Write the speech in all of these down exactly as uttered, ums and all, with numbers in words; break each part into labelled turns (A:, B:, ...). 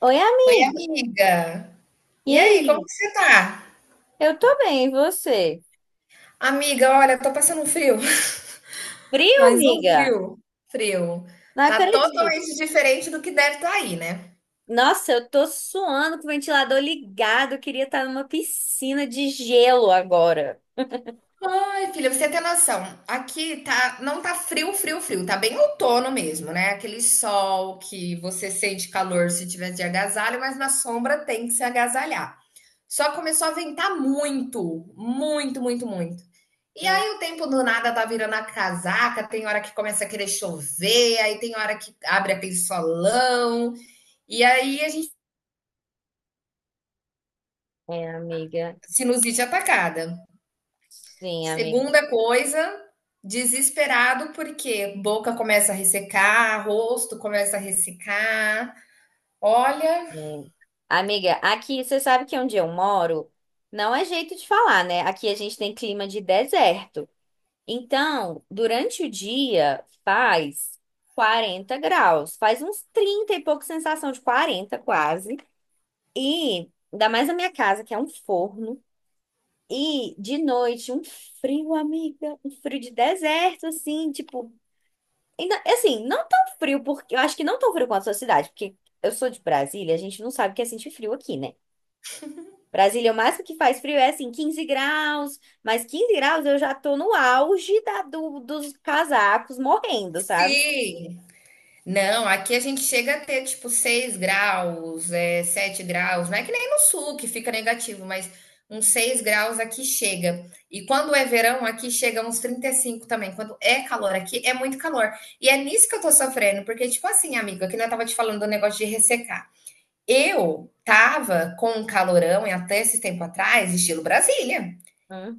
A: Oi,
B: Oi,
A: amiga.
B: amiga.
A: E
B: E aí, como
A: aí?
B: que você tá?
A: Eu tô bem, e você?
B: Amiga, olha, tô passando um frio,
A: Frio,
B: mas um
A: amiga?
B: frio, frio.
A: Não
B: Tá
A: acredito.
B: totalmente diferente do que deve estar aí, né?
A: Nossa, eu tô suando com o ventilador ligado. Eu queria estar numa piscina de gelo agora.
B: Ai, filha, você tem noção. Aqui tá, não tá frio, frio, frio. Tá bem outono mesmo, né? Aquele sol que você sente calor se tiver de agasalho, mas na sombra tem que se agasalhar. Só começou a ventar muito, muito, muito, muito. E
A: Hum,
B: aí o tempo do nada tá virando a casaca, tem hora que começa a querer chover, aí tem hora que abre aquele solão, e aí a gente
A: É, amiga.
B: sinusite atacada.
A: Sim, amiga.
B: Segunda coisa, desesperado porque boca começa a ressecar, rosto começa a ressecar. Olha,
A: É. Amiga, aqui você sabe que onde eu moro não é jeito de falar, né? Aqui a gente tem clima de deserto. Então, durante o dia faz quarenta graus, faz uns trinta e pouco sensação de quarenta quase. E ainda mais na minha casa, que é um forno. E de noite, um frio, amiga. Um frio de deserto, assim, tipo. Ainda, assim, não tão frio, porque eu acho que não tão frio quanto a sua cidade, porque eu sou de Brasília, a gente não sabe o que é sentir frio aqui, né? Brasília, o máximo que faz frio é assim, quinze graus, mas quinze graus eu já tô no auge da, do, dos casacos morrendo, sabe?
B: sim, não, aqui a gente chega a ter tipo seis graus, é, sete graus. Não é que nem no sul que fica negativo, mas uns seis graus aqui chega. E quando é verão, aqui chega uns trinta e cinco também. Quando é calor aqui, é muito calor. E é nisso que eu tô sofrendo, porque, tipo assim, amiga, que não tava te falando do negócio de ressecar. Eu tava com um calorão e até esse tempo atrás, estilo Brasília.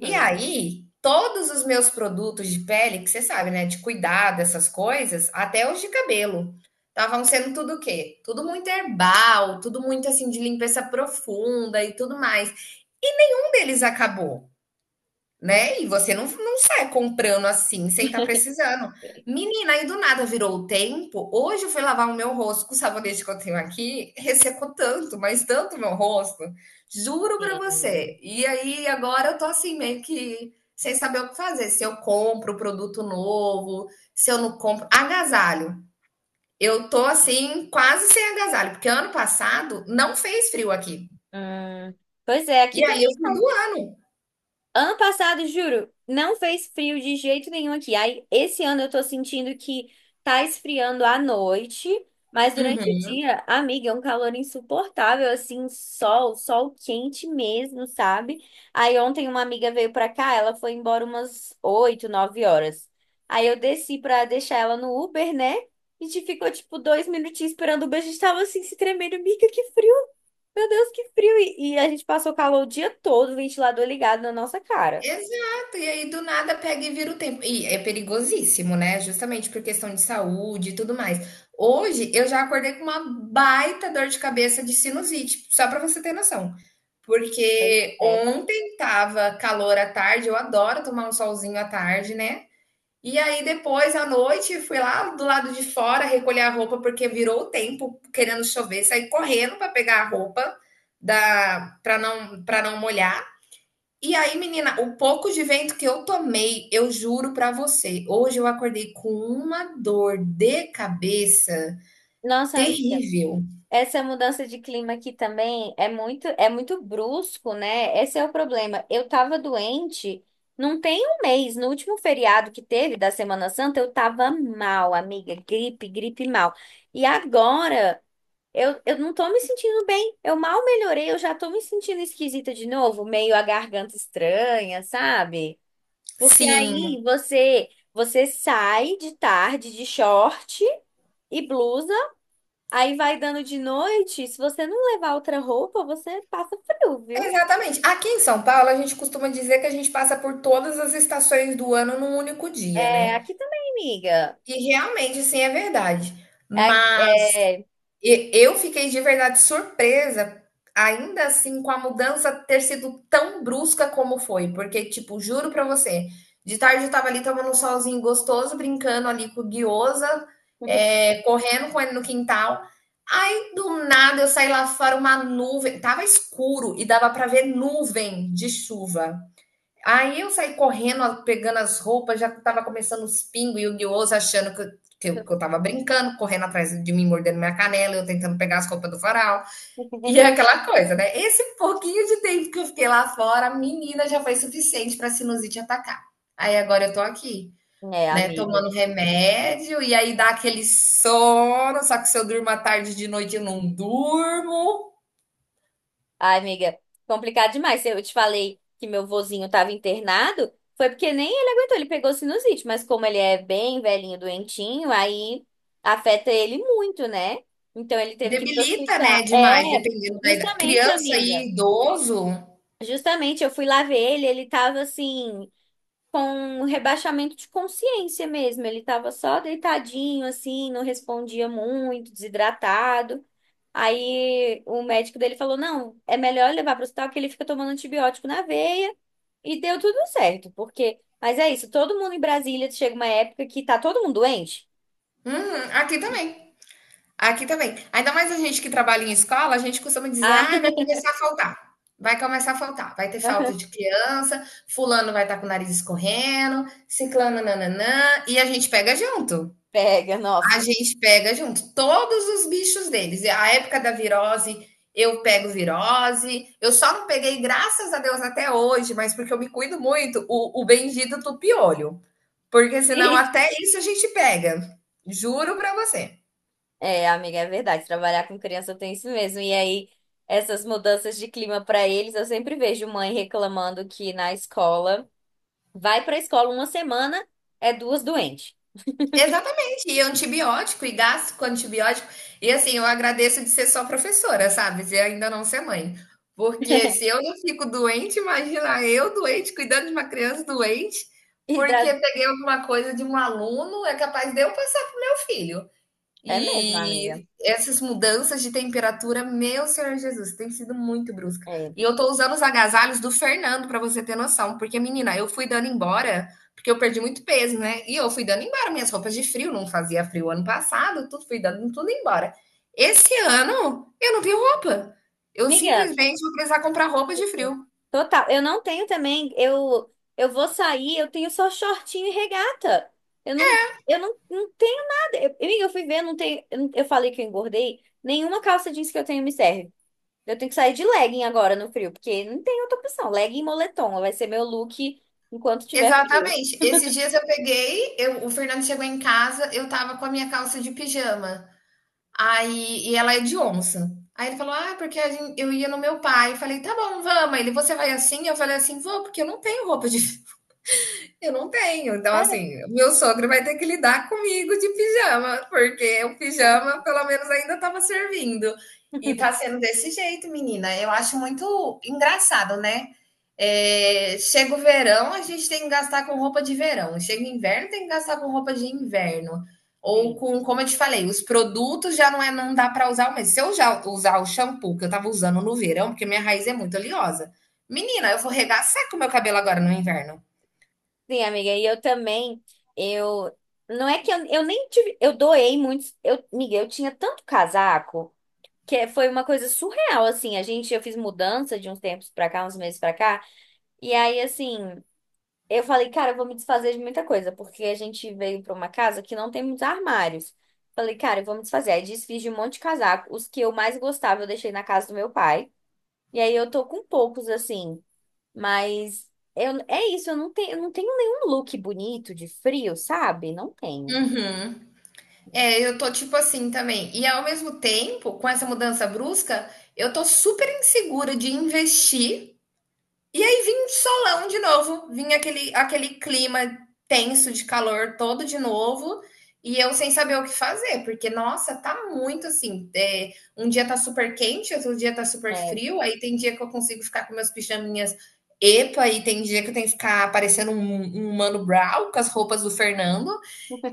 B: E aí, todos os meus produtos de pele, que você sabe, né, de cuidado, essas coisas, até os de cabelo, estavam sendo tudo o quê? Tudo muito herbal, tudo muito assim de limpeza profunda e tudo mais. E nenhum deles acabou, né? E você não, não sai comprando assim, sem estar precisando. Menina, aí do nada virou o tempo. Hoje eu fui lavar o meu rosto com o sabonete que eu tenho aqui, ressecou tanto, mas tanto o meu rosto. Juro pra
A: Entendo.
B: você. E aí agora eu tô assim, meio que sem saber o que fazer. Se eu compro produto novo, se eu não compro. Agasalho. Eu tô assim, quase sem agasalho, porque ano passado não fez frio aqui.
A: Hum, pois é, aqui
B: E aí eu
A: também.
B: fui do ano.
A: Ano passado, juro, não fez frio de jeito nenhum aqui. Aí, esse ano eu tô sentindo que tá esfriando à noite, mas durante o
B: Uhum.
A: dia, amiga, é um calor insuportável, assim, sol, sol quente mesmo, sabe? Aí ontem uma amiga veio pra cá, ela foi embora umas oito, nove horas. Aí eu desci pra deixar ela no Uber, né? A gente ficou, tipo, dois minutinhos esperando o Uber, a gente tava assim, se tremendo, amiga, que frio meu Deus, que frio! E, e a gente passou calor o dia todo, o ventilador ligado na nossa cara.
B: Exato, e aí do nada pega e vira o tempo. E é perigosíssimo, né? Justamente por questão de saúde e tudo mais. Hoje eu já acordei com uma baita dor de cabeça de sinusite, só para você ter noção. Porque
A: É.
B: ontem tava calor à tarde, eu adoro tomar um solzinho à tarde, né? E aí depois à noite fui lá do lado de fora recolher a roupa porque virou o tempo, querendo chover, saí correndo para pegar a roupa da para não para não molhar. E aí, menina, o pouco de vento que eu tomei, eu juro pra você, hoje eu acordei com uma dor de cabeça
A: Nossa,
B: terrível.
A: essa mudança de clima aqui também é muito, é muito brusco, né? Esse é o problema. Eu tava doente, não tem um mês, no último feriado que teve da Semana Santa, eu tava mal, amiga, gripe, gripe mal. E agora eu, eu não tô me sentindo bem. Eu mal melhorei, eu já tô me sentindo esquisita de novo, meio a garganta estranha, sabe? Porque
B: Sim,
A: aí você você sai de tarde de short e blusa, aí vai dando de noite. Se você não levar outra roupa, você passa frio, viu?
B: exatamente. Aqui em São Paulo, a gente costuma dizer que a gente passa por todas as estações do ano num único dia,
A: É,
B: né?
A: aqui também, amiga.
B: E realmente, assim, é verdade.
A: É, é...
B: E eu fiquei de verdade surpresa, ainda assim, com a mudança ter sido tão brusca como foi, porque, tipo, juro pra você, de tarde eu tava ali tomando um solzinho gostoso, brincando ali com o guiosa, eh, correndo com ele no quintal. Aí, do nada, eu saí lá fora, uma nuvem, tava escuro e dava pra ver nuvem de chuva. Aí eu saí correndo, pegando as roupas, já estava começando os pingos e o guioso achando que eu, que, eu, que eu tava brincando, correndo atrás de mim, mordendo minha canela, eu tentando pegar as roupas do farol. E é aquela coisa, né? Esse um pouquinho de tempo que eu fiquei lá fora, a menina já foi suficiente pra sinusite atacar. Aí agora eu tô aqui,
A: É,
B: né,
A: amiga.
B: tomando remédio, e aí dá aquele sono, só que se eu durmo à tarde de noite eu não durmo.
A: Ai, amiga, complicado demais. Eu te falei que meu vozinho estava internado, foi porque nem ele aguentou, ele pegou sinusite, mas como ele é bem velhinho, doentinho, aí afeta ele muito, né? Então ele teve que ir pro
B: Debilita,
A: hospital.
B: né, demais,
A: É,
B: dependendo da idade.
A: justamente,
B: Criança e
A: amiga.
B: idoso.
A: Justamente, eu fui lá ver ele, ele tava assim, com um rebaixamento de consciência mesmo. Ele tava só deitadinho, assim, não respondia muito, desidratado. Aí o médico dele falou: não, é melhor levar para o hospital que ele fica tomando antibiótico na veia. E deu tudo certo, porque. Mas é isso, todo mundo em Brasília chega uma época que tá todo mundo doente.
B: Uhum, aqui também. Aqui também. Ainda mais a gente que trabalha em escola, a gente costuma dizer,
A: Ah,
B: ah, vai começar a faltar. Vai começar a faltar. Vai ter falta de criança, fulano vai estar com o nariz escorrendo, ciclano nananã, e a gente pega junto.
A: pega, nossa.
B: A gente pega junto todos os bichos deles. E a época da virose, eu pego virose. Eu só não peguei, graças a Deus, até hoje, mas porque eu me cuido muito, o, o bendito tupiolho. Porque senão
A: Gente.
B: até isso a gente pega. Juro pra você.
A: É, amiga, é verdade. Trabalhar com criança tem isso mesmo. E aí, essas mudanças de clima para eles, eu sempre vejo mãe reclamando que na escola vai para a escola uma semana, é duas doentes.
B: Exatamente, e antibiótico, e gasto com antibiótico. E assim, eu agradeço de ser só professora, sabe? De ainda não ser mãe. Porque se eu não fico doente, imagina eu doente, cuidando de uma criança doente,
A: E dá...
B: porque peguei alguma coisa de um aluno, é capaz de eu passar para o meu filho.
A: É mesmo, amiga.
B: E essas mudanças de temperatura, meu Senhor Jesus, tem sido muito brusca.
A: É.
B: E eu tô usando os agasalhos do Fernando para você ter noção, porque menina, eu fui dando embora, porque eu perdi muito peso, né? E eu fui dando embora minhas roupas de frio, não fazia frio ano passado, tudo fui dando tudo embora. Esse ano eu não tenho roupa. Eu
A: Amiga,
B: simplesmente vou precisar comprar roupa de frio.
A: total, eu não tenho também, eu eu vou sair, eu tenho só shortinho e regata. Eu não eu não, não tenho nada. Eu, amiga, eu fui ver, não tenho, eu, não- eu falei que eu engordei, nenhuma calça jeans que eu tenho me serve. Eu tenho que sair de legging agora no frio, porque não tem outra opção. Legging e moletom vai ser meu look enquanto tiver frio.
B: Exatamente. Esses dias eu peguei, eu- o Fernando chegou em casa, eu tava com a minha calça de pijama. Aí, e ela é de onça. Aí ele falou: Ah, porque a gen- eu ia no meu pai. Eu falei: Tá bom, vamos. Ele, você vai assim? Eu falei assim: Vou, porque eu não tenho roupa de, eu não tenho. Então,
A: É,
B: assim, meu sogro vai ter que lidar comigo de pijama, porque o
A: então,
B: pijama, pelo menos, ainda estava servindo. E tá sendo desse jeito, menina. Eu acho muito engraçado, né? É, chega o verão, a gente tem que gastar com roupa de verão. Chega o inverno, tem que gastar com roupa de inverno. Ou
A: Sim.
B: com, como eu te falei, os produtos já não é, não dá para usar. Mas se eu já usar o shampoo que eu tava usando no verão, porque minha raiz é muito oleosa. Menina, eu vou regaçar com o meu cabelo agora no inverno.
A: Sim, amiga, e eu também, eu, não é que eu, eu nem tive, eu doei muitos, eu, amiga, eu tinha tanto casaco, que é- foi uma coisa surreal, assim. A gente, eu fiz mudança de uns tempos pra cá, uns meses pra cá. E aí, assim, eu falei, cara, eu vou me desfazer de muita coisa, porque a gente veio pra uma casa que não tem muitos armários. Falei, cara, eu vou me desfazer. Aí desfiz de um monte de casaco. Os que eu mais gostava, eu deixei na casa do meu pai. E aí eu tô com poucos, assim. Mas eu, é isso, eu não tenho, eu não tenho nenhum look bonito de frio, sabe? Não tenho.
B: Uhum. É, eu tô tipo assim também. E ao mesmo tempo, com essa mudança brusca, eu tô super insegura de investir. E aí vim um solão de novo, vim aquele, aquele clima tenso de calor todo de novo. E eu sem saber o que fazer, porque, nossa, tá muito assim. É, um dia tá super quente, outro dia tá super
A: É,
B: frio. Aí tem dia que eu consigo ficar com meus pijaminhas epa, e tem dia que eu tenho que ficar parecendo um, um Mano Brown com as roupas do Fernando.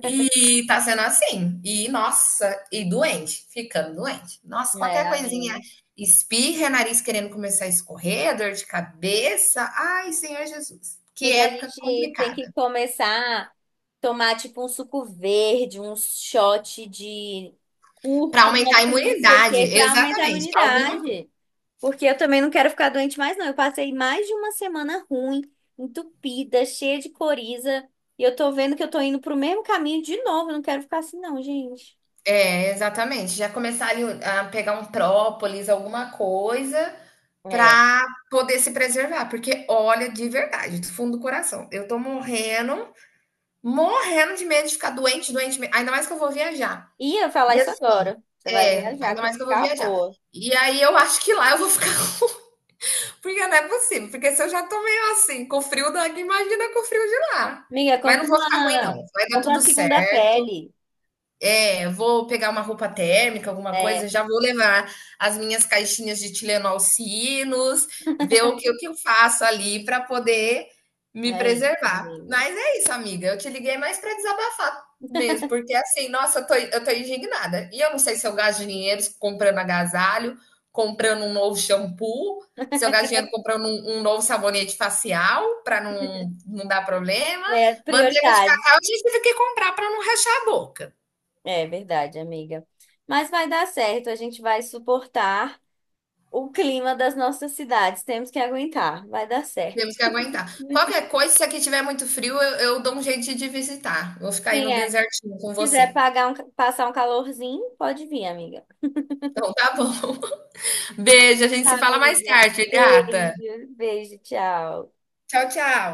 B: E tá sendo assim. E nossa, e doente, ficando doente. Nossa,
A: é,
B: qualquer coisinha,
A: amiga.
B: espirra, nariz querendo começar a escorrer, dor de cabeça. Ai, Senhor Jesus. Que
A: Amiga, a
B: época
A: gente tem que
B: complicada.
A: começar a tomar tipo um suco verde, um shot de
B: Para aumentar
A: cúrcuma
B: a
A: com não sei o
B: imunidade,
A: que, pra aumentar a
B: exatamente. Alguma coisa.
A: imunidade. Porque eu também não quero ficar doente mais, não. Eu passei mais de uma semana ruim, entupida, cheia de coriza. E eu tô vendo que eu tô indo pro mesmo caminho de novo. Eu não quero ficar assim, não, gente.
B: É, exatamente. Já começar ali a pegar um própolis, alguma coisa,
A: É.
B: para poder se preservar. Porque, olha, de verdade, do fundo do coração, eu tô morrendo, morrendo de medo de ficar doente, doente. me- Ainda mais que eu vou viajar.
A: Ia falar
B: E
A: isso
B: assim
A: agora. Você vai
B: é,
A: viajar,
B: ainda
A: tem
B: mais
A: que
B: que eu vou
A: ficar
B: viajar.
A: boa.
B: E aí eu acho que lá eu vou ficar porque não é possível, porque se eu já tô meio assim, com o frio daqui, imagina com o frio de lá.
A: Amiga,
B: Mas
A: compra
B: não vou ficar ruim
A: uma,
B: não, vai dar
A: Compra
B: tudo
A: uma
B: certo.
A: segunda pele.
B: É, vou pegar uma roupa térmica, alguma coisa,
A: É,
B: já vou levar as minhas caixinhas de Tilenol Sinos, ver o que, o que eu faço ali para poder me
A: aí,
B: preservar.
A: amiga.
B: Mas é isso, amiga. Eu te liguei mais para desabafar mesmo, porque assim, nossa, eu tô, eu tô indignada. E eu não sei se eu gasto dinheiro comprando agasalho, comprando um novo shampoo, se eu gasto dinheiro comprando um, um novo sabonete facial para não, não dar problema.
A: É
B: Manteiga de
A: prioridade.
B: cacau, a gente teve que comprar para não rachar a boca.
A: É verdade, amiga. Mas vai dar certo, a gente vai suportar o clima das nossas cidades. Temos que aguentar, vai dar certo.
B: Temos que aguentar. Qualquer coisa, se aqui tiver muito frio, eu, eu dou um jeito de te visitar. Vou ficar aí
A: Sim,
B: no
A: é.
B: desertinho com
A: Quiser
B: você.
A: pagar um, passar um calorzinho, pode vir, amiga.
B: Então tá bom. Beijo, a gente se fala mais
A: Amiga,
B: tarde, gata.
A: beijo, beijo, tchau.
B: Tchau, tchau.